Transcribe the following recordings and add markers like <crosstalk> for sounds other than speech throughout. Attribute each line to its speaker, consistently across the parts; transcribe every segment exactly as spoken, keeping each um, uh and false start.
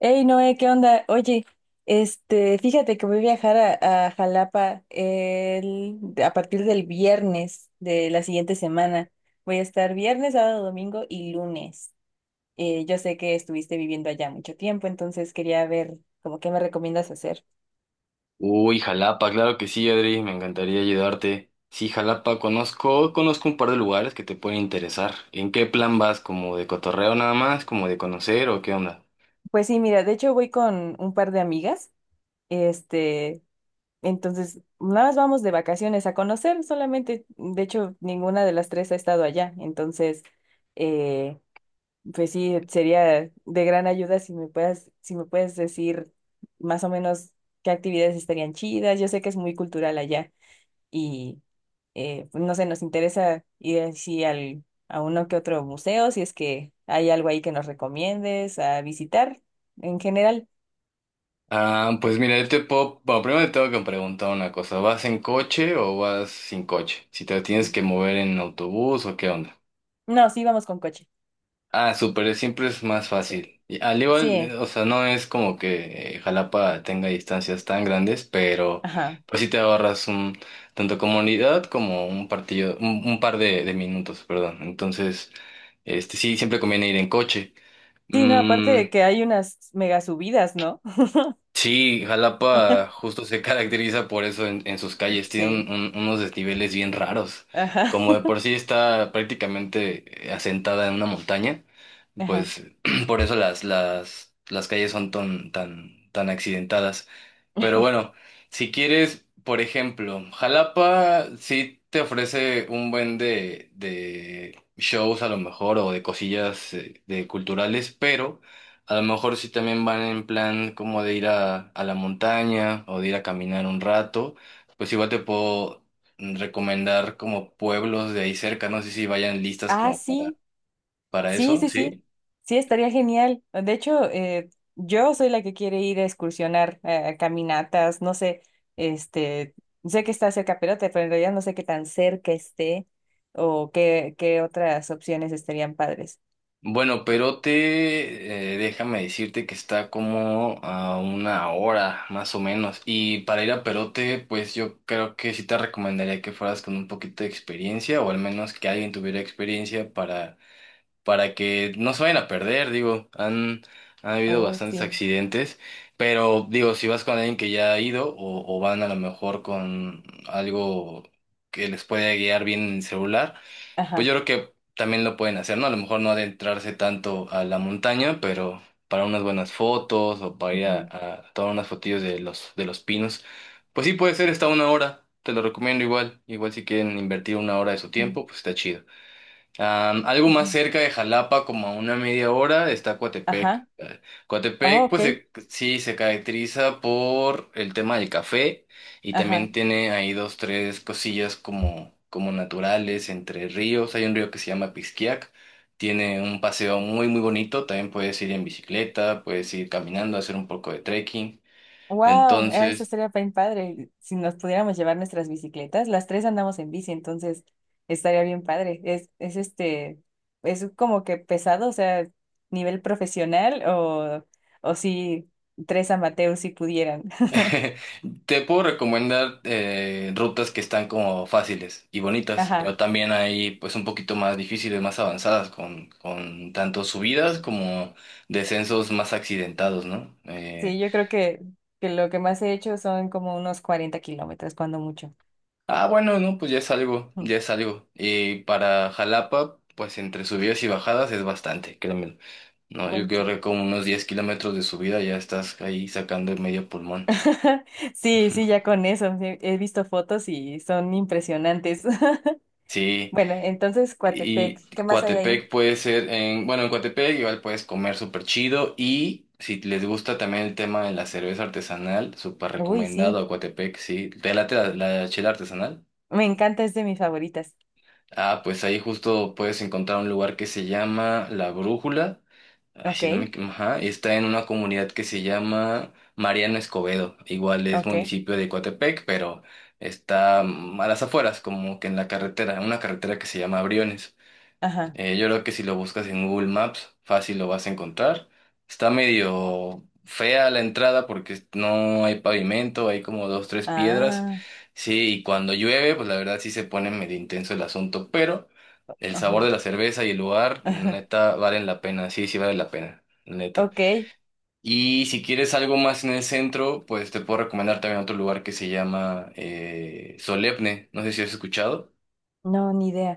Speaker 1: Hey Noé, ¿qué onda? Oye, este, fíjate que voy a viajar a, a Jalapa el- a partir del viernes de la siguiente semana. Voy a estar viernes, sábado, domingo y lunes. Eh, yo sé que estuviste viviendo allá mucho tiempo, entonces quería ver como qué me recomiendas hacer.
Speaker 2: Uy, Jalapa, claro que sí, Adri, me encantaría ayudarte. Sí, Jalapa, conozco, conozco un par de lugares que te pueden interesar. ¿En qué plan vas? ¿Como de cotorreo nada más? ¿Como de conocer o qué onda?
Speaker 1: Pues sí, mira, de hecho voy con un par de amigas. Este, entonces nada más vamos de vacaciones a conocer solamente. De hecho, ninguna de las tres ha estado allá, entonces. eh, Pues sí, sería de gran ayuda si me puedas, si me puedes decir más o menos qué actividades estarían chidas. Yo sé que es muy cultural allá y eh, pues no sé, nos interesa ir así al, a uno que otro museo, si es que hay algo ahí que nos recomiendes a visitar en general.
Speaker 2: Ah, pues mira, yo te puedo... Bueno, primero te tengo que preguntar una cosa. ¿Vas en coche o vas sin coche? Si te tienes que mover en autobús o qué onda.
Speaker 1: No, sí, vamos con coche.
Speaker 2: Ah, súper, siempre es más
Speaker 1: Sí.
Speaker 2: fácil. Y al igual, eh,
Speaker 1: Sí,
Speaker 2: o sea, no es como que eh, Jalapa tenga distancias tan grandes, pero
Speaker 1: ajá.
Speaker 2: pues sí te ahorras un, tanto comunidad como un partido, un, un par de, de minutos, perdón. Entonces, este sí, siempre conviene ir en coche.
Speaker 1: Sí, no, aparte
Speaker 2: Mm.
Speaker 1: de que hay unas mega subidas, ¿no?
Speaker 2: Sí, Jalapa
Speaker 1: <laughs>
Speaker 2: justo se <laughs> caracteriza por eso en, en sus calles. Tiene
Speaker 1: Sí.
Speaker 2: un- un- unos desniveles bien raros.
Speaker 1: Ajá.
Speaker 2: Como de por sí está prácticamente eh, asentada en una montaña,
Speaker 1: Ajá.
Speaker 2: pues <clears throat> por eso las, las, las calles son tan, tan, tan accidentadas. Pero bueno, si quieres, por ejemplo, Jalapa sí te ofrece un buen de, de shows a lo mejor o de cosillas eh, de culturales, pero a lo mejor sí también van en plan como de ir a, a la montaña o de ir a caminar un rato, pues igual te puedo recomendar como pueblos de ahí cerca, no sé si vayan listas
Speaker 1: Ah,
Speaker 2: como para,
Speaker 1: sí.
Speaker 2: para
Speaker 1: Sí,
Speaker 2: eso,
Speaker 1: sí, sí,
Speaker 2: ¿sí?
Speaker 1: sí, estaría genial. De hecho, eh, yo soy la que quiere ir a excursionar, eh, a caminatas, no sé, este, sé que está cerca Perote, pero en realidad no sé qué tan cerca esté o qué, qué otras opciones estarían padres.
Speaker 2: Bueno, Perote, eh, déjame decirte que está como a una hora más o menos. Y para ir a Perote, pues yo creo que sí te recomendaría que fueras con un poquito de experiencia o al menos que alguien tuviera experiencia para, para que no se vayan a perder. Digo, han, han habido
Speaker 1: Oh,
Speaker 2: bastantes
Speaker 1: sí,
Speaker 2: accidentes, pero digo, si vas con alguien que ya ha ido o, o van a lo mejor con algo que les pueda guiar bien en el celular. Pues
Speaker 1: ajá,
Speaker 2: yo creo que también lo pueden hacer, ¿no? A lo mejor no adentrarse tanto a la montaña, pero para unas buenas fotos o para ir a,
Speaker 1: ujú,
Speaker 2: a tomar unas fotillos de los, de los pinos. Pues sí puede ser, está una hora, te lo recomiendo igual. Igual si quieren invertir una hora de su
Speaker 1: ujú,
Speaker 2: tiempo, pues está chido. Am, algo más
Speaker 1: ujú.
Speaker 2: cerca de Jalapa, como a una media hora, está Coatepec.
Speaker 1: Ajá,
Speaker 2: Eh,
Speaker 1: oh,
Speaker 2: Coatepec,
Speaker 1: ok,
Speaker 2: pues se- sí, se caracteriza por el tema del café y
Speaker 1: ajá.
Speaker 2: también tiene ahí dos, tres cosillas como, como naturales entre ríos. Hay un río que se llama Pisquiac, tiene un paseo muy, muy bonito. También puedes ir en bicicleta, puedes ir caminando, hacer un poco de trekking.
Speaker 1: Wow, eso
Speaker 2: Entonces,
Speaker 1: estaría bien padre. Si nos pudiéramos llevar nuestras bicicletas, las tres andamos en bici, entonces estaría bien padre. Es, es este, es como que pesado, o sea, nivel profesional o, o si tres amateurs si pudieran. <laughs>
Speaker 2: <laughs> te puedo recomendar eh, rutas que están como fáciles y bonitas,
Speaker 1: Ajá.
Speaker 2: pero también hay pues un poquito más difíciles, más avanzadas, con, con tanto subidas como descensos más accidentados, ¿no?
Speaker 1: Sí,
Speaker 2: Eh,
Speaker 1: yo creo que, que lo que más he hecho son como unos cuarenta kilómetros, cuando mucho.
Speaker 2: ah, bueno, no, pues ya es algo,
Speaker 1: Mm,
Speaker 2: ya es algo. Y para Jalapa, pues entre subidas y bajadas es bastante, créeme. No, yo
Speaker 1: bueno,
Speaker 2: creo
Speaker 1: sí.
Speaker 2: que como unos diez kilómetros de subida ya estás ahí sacando el medio pulmón.
Speaker 1: <laughs> Sí, sí, ya
Speaker 2: <laughs>
Speaker 1: con eso. He he visto fotos y son impresionantes. <laughs>
Speaker 2: Sí.
Speaker 1: Bueno, entonces Coatepec,
Speaker 2: Y
Speaker 1: ¿qué más hay ahí?
Speaker 2: Coatepec puede ser en, bueno, en Coatepec igual puedes comer súper chido y si les gusta también el tema de la cerveza artesanal, súper
Speaker 1: Uy, sí,
Speaker 2: recomendado a Coatepec, sí. ¿Te late la, la chela artesanal?
Speaker 1: me encanta, es de mis favoritas.
Speaker 2: Ah, pues ahí justo puedes encontrar un lugar que se llama La Brújula. Ay, si no me,
Speaker 1: Ok,
Speaker 2: equi- ajá, está en una comunidad que se llama Mariano Escobedo. Igual es
Speaker 1: ok,
Speaker 2: municipio de Coatepec, pero está mm, a las afueras, como que en la carretera, una carretera que se llama Briones.
Speaker 1: ajá,
Speaker 2: Eh, yo creo que si lo buscas en Google Maps, fácil lo vas a encontrar. Está medio fea la entrada porque no hay pavimento, hay como dos, tres piedras.
Speaker 1: ah,
Speaker 2: Sí, y cuando llueve, pues la verdad sí se pone medio intenso el asunto, pero el
Speaker 1: ajá,
Speaker 2: sabor de la cerveza y el lugar,
Speaker 1: ajá,
Speaker 2: neta, valen la pena. Sí, sí vale la pena, neta.
Speaker 1: ok,
Speaker 2: Y si quieres algo más en el centro, pues te puedo recomendar también otro lugar que se llama eh, Solemne. No sé si has escuchado.
Speaker 1: no, ni idea.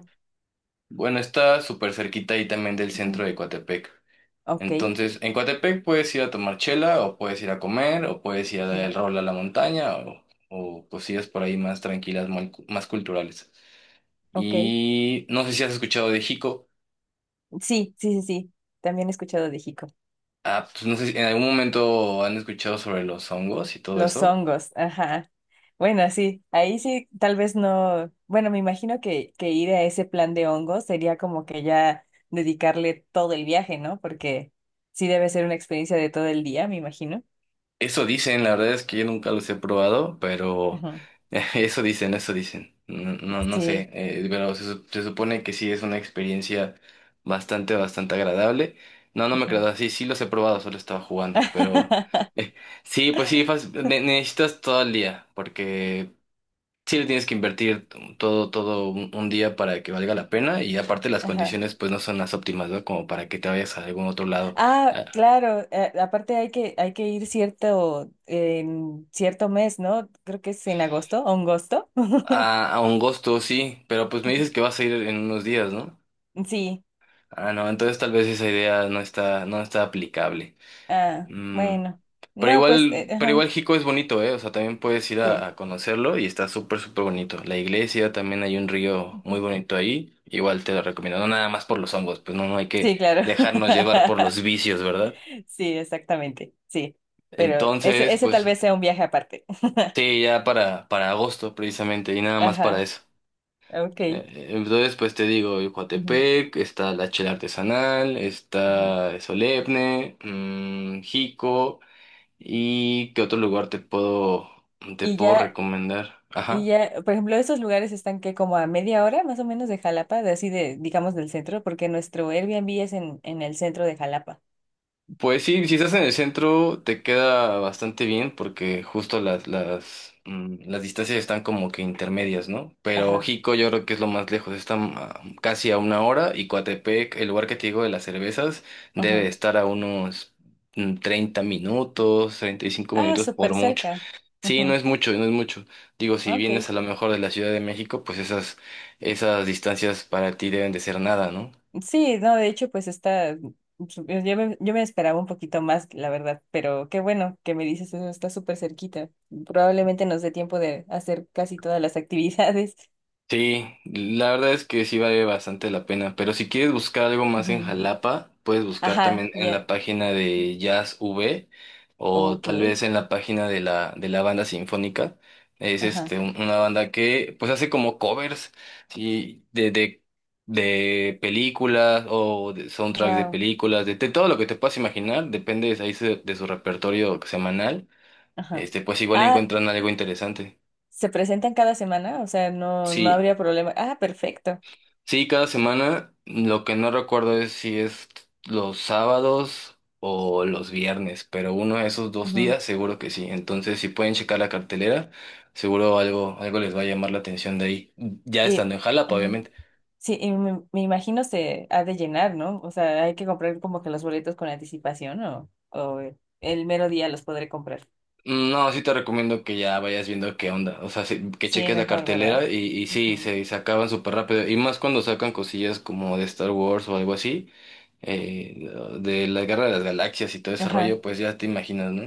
Speaker 2: Bueno, está súper cerquita ahí también del
Speaker 1: Ujú,
Speaker 2: centro de Coatepec.
Speaker 1: ok,
Speaker 2: Entonces, en Coatepec puedes ir a tomar chela, o puedes ir a comer, o puedes ir a dar
Speaker 1: ujú,
Speaker 2: el rol a la montaña, o, o cosillas por ahí más tranquilas, muy cu- más culturales.
Speaker 1: ok,
Speaker 2: Y no sé si has escuchado de Jico.
Speaker 1: sí, sí, sí, sí, también he escuchado de Jico.
Speaker 2: Ah, pues no sé si en algún momento han escuchado sobre los hongos y todo
Speaker 1: Los
Speaker 2: eso.
Speaker 1: hongos, ajá. Bueno, sí, ahí sí, tal vez no, bueno, me imagino que, que ir a ese plan de hongos sería como que ya dedicarle todo el viaje, ¿no? Porque sí debe ser una experiencia de todo el día, me imagino.
Speaker 2: Eso dicen, la verdad es que yo nunca los he probado, pero <laughs> eso dicen, eso dicen. No, no, no sé,
Speaker 1: Sí.
Speaker 2: eh, pero se, su- se supone que sí es una experiencia bastante, bastante agradable. No, no me quedado
Speaker 1: Ujú.
Speaker 2: así, sí los he probado, solo estaba jugando, pero
Speaker 1: <laughs>
Speaker 2: <laughs> eh, sí, pues sí, fas- ne- necesitas todo el día, porque sí le tienes que invertir todo, todo un, un día para que valga la pena y aparte las
Speaker 1: Ajá.
Speaker 2: condiciones pues no son las óptimas, ¿no? Como para que te vayas a algún otro lado.
Speaker 1: Ah, claro, eh, aparte hay que, hay que ir cierto, en cierto mes, ¿no? Creo que es en agosto, agosto. <laughs>
Speaker 2: A, a un gusto, sí, pero pues me
Speaker 1: Ujú.
Speaker 2: dices que vas a ir en unos días, ¿no?
Speaker 1: Sí,
Speaker 2: Ah, no, entonces tal vez esa idea no está, no está aplicable.
Speaker 1: ah,
Speaker 2: Mm.
Speaker 1: bueno.
Speaker 2: Pero
Speaker 1: No, pues, eh,
Speaker 2: igual, pero
Speaker 1: ajá,
Speaker 2: igual Jico es bonito, ¿eh? O sea, también puedes ir a,
Speaker 1: sí.
Speaker 2: a conocerlo y está súper, súper bonito. La iglesia, también hay un río muy
Speaker 1: Ujú.
Speaker 2: bonito ahí. Igual te lo recomiendo. No nada más por los hongos, pues no, no hay que
Speaker 1: Sí, claro.
Speaker 2: dejarnos llevar por los
Speaker 1: <laughs>
Speaker 2: vicios, ¿verdad?
Speaker 1: Sí, exactamente, sí. Pero ese,
Speaker 2: Entonces,
Speaker 1: ese tal
Speaker 2: pues
Speaker 1: vez sea un viaje aparte. <laughs>
Speaker 2: sí, ya para, para agosto precisamente y nada más para
Speaker 1: Ajá,
Speaker 2: eso.
Speaker 1: ok.
Speaker 2: Eh, Entonces, pues te digo, el
Speaker 1: Ujú,
Speaker 2: Coatepec, está la chela artesanal,
Speaker 1: ujú.
Speaker 2: está Solemne, mm, Jico, y ¿qué otro lugar te puedo, te
Speaker 1: Y
Speaker 2: puedo
Speaker 1: ya
Speaker 2: recomendar?
Speaker 1: Y
Speaker 2: Ajá.
Speaker 1: ya, por ejemplo, esos lugares están que como a media hora más o menos de Jalapa, de así de, digamos, del centro, porque nuestro Airbnb es en, en el centro de Jalapa.
Speaker 2: Pues sí, si estás en el centro te queda bastante bien porque justo las, las, mm, las distancias están como que intermedias, ¿no? Pero
Speaker 1: Ajá,
Speaker 2: Jico yo creo que es lo más lejos, está mm, casi a una hora y Coatepec, el lugar que te digo de las cervezas,
Speaker 1: ajá.
Speaker 2: debe estar a unos mm, treinta minutos, treinta y cinco
Speaker 1: Ah,
Speaker 2: minutos por
Speaker 1: súper
Speaker 2: mucho.
Speaker 1: cerca.
Speaker 2: Sí, no
Speaker 1: Ajá,
Speaker 2: es mucho, no es mucho. Digo, si
Speaker 1: ok.
Speaker 2: vienes a lo mejor de la Ciudad de México, pues esas, esas distancias para ti deben de ser nada, ¿no?
Speaker 1: Sí, no, de hecho, pues está, yo me, yo me esperaba un poquito más, la verdad, pero qué bueno que me dices eso, está súper cerquita. Probablemente nos dé tiempo de hacer casi todas las <laughs> actividades.
Speaker 2: Sí, la verdad es que sí vale bastante la pena, pero si quieres buscar algo más en
Speaker 1: Ujú.
Speaker 2: Jalapa, puedes buscar
Speaker 1: Ajá,
Speaker 2: también en la
Speaker 1: ya,
Speaker 2: página de Jazz V o
Speaker 1: ok,
Speaker 2: tal vez en la página de la, de la banda sinfónica. Es
Speaker 1: ajá,
Speaker 2: este, un- una banda que pues hace como covers, sí, de, de, de películas o de soundtracks de
Speaker 1: wow,
Speaker 2: películas, de, de todo lo que te puedas imaginar, depende de, ahí su- de su repertorio semanal.
Speaker 1: ajá.
Speaker 2: Este, pues igual
Speaker 1: Ah,
Speaker 2: encuentran algo interesante.
Speaker 1: ¿se presentan cada semana? O sea, no, no
Speaker 2: Sí,
Speaker 1: habría problema. Ah, perfecto.
Speaker 2: sí, cada semana. Lo que no recuerdo es si es los sábados o los viernes, pero uno de esos dos
Speaker 1: Ujú.
Speaker 2: días seguro que sí. Entonces, si pueden checar la cartelera, seguro algo, algo les va a llamar la atención de ahí. Ya
Speaker 1: Y,
Speaker 2: estando en Jalapa,
Speaker 1: ujú.
Speaker 2: obviamente.
Speaker 1: Sí, y me, me imagino se ha de llenar, ¿no? O sea, hay que comprar como que los boletos con anticipación o, o el mero día los podré comprar.
Speaker 2: No, sí te recomiendo que ya vayas viendo qué onda. O sea, sí, que
Speaker 1: Sí,
Speaker 2: cheques la
Speaker 1: mejor, ¿verdad?
Speaker 2: cartelera y, y sí,
Speaker 1: Ujú.
Speaker 2: se, se acaban súper rápido. Y más cuando sacan cosillas como de Star Wars o algo así, eh, de la Guerra de las Galaxias y todo ese
Speaker 1: Ajá.
Speaker 2: rollo, pues ya te imaginas, ¿no?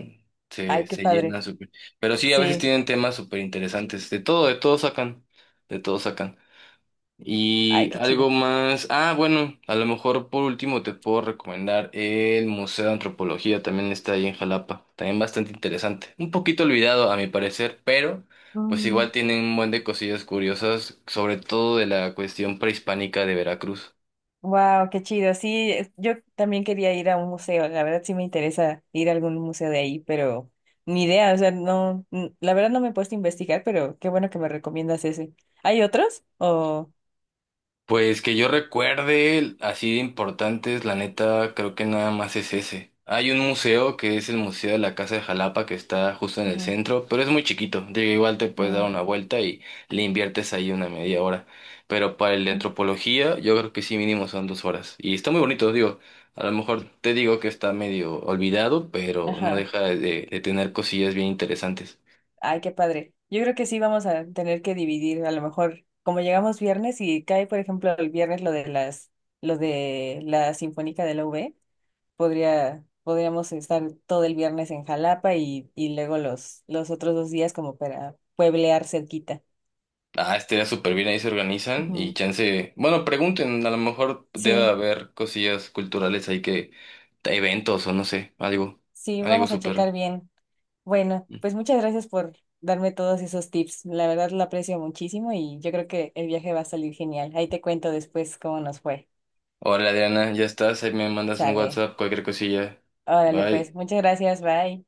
Speaker 2: Se,
Speaker 1: Ay, qué
Speaker 2: se llena
Speaker 1: padre.
Speaker 2: súper. Pero sí, a veces
Speaker 1: Sí.
Speaker 2: tienen temas súper interesantes. De todo, de todo sacan. De todo sacan.
Speaker 1: Ay,
Speaker 2: Y
Speaker 1: qué chido.
Speaker 2: algo más. Ah, bueno, a lo mejor por último te puedo recomendar el Museo de Antropología, también está ahí en Jalapa, también bastante interesante. Un poquito olvidado a mi parecer, pero pues
Speaker 1: Mm.
Speaker 2: igual tienen un buen de cosillas curiosas, sobre todo de la cuestión prehispánica de Veracruz.
Speaker 1: Wow, qué chido. Sí, es- yo también quería ir a un museo. La verdad sí me interesa ir a algún museo de ahí, pero ni idea. O sea, no, n- la verdad no me he puesto a investigar, pero qué bueno que me recomiendas ese. ¿Hay otros? O,
Speaker 2: Pues que yo recuerde, así de importantes, la neta, creo que nada más es ese. Hay un museo que es el Museo de la Casa de Jalapa que está justo en el
Speaker 1: ujú.
Speaker 2: centro, pero es muy chiquito. Digo, igual te puedes dar
Speaker 1: Mm,
Speaker 2: una vuelta y le inviertes ahí una media hora. Pero para el de
Speaker 1: mm.
Speaker 2: antropología, yo creo que sí mínimo son dos horas. Y está muy bonito, digo. A lo mejor te digo que está medio olvidado, pero no
Speaker 1: Ajá.
Speaker 2: deja de, de tener cosillas bien interesantes.
Speaker 1: Ay, qué padre. Yo creo que sí vamos a tener que dividir. A lo mejor, como llegamos viernes y cae, por ejemplo, el viernes lo de las, lo de la Sinfónica de la U V. Podría, podríamos estar todo el viernes en Jalapa y, y luego los, los otros dos días como para pueblear cerquita.
Speaker 2: Ah, estaría súper bien, ahí se organizan y
Speaker 1: Ujú.
Speaker 2: chance, bueno, pregunten, a lo mejor debe
Speaker 1: Sí,
Speaker 2: haber cosillas culturales ahí que, eventos o no sé, algo,
Speaker 1: sí,
Speaker 2: algo
Speaker 1: vamos a checar
Speaker 2: súper.
Speaker 1: bien. Bueno, pues muchas gracias por darme todos esos tips. La verdad lo aprecio muchísimo y yo creo que el viaje va a salir genial. Ahí te cuento después cómo nos fue.
Speaker 2: Hola Adriana, ya estás, ahí me mandas un
Speaker 1: Sale.
Speaker 2: WhatsApp, cualquier cosilla.
Speaker 1: Órale, pues,
Speaker 2: Bye.
Speaker 1: muchas gracias, bye.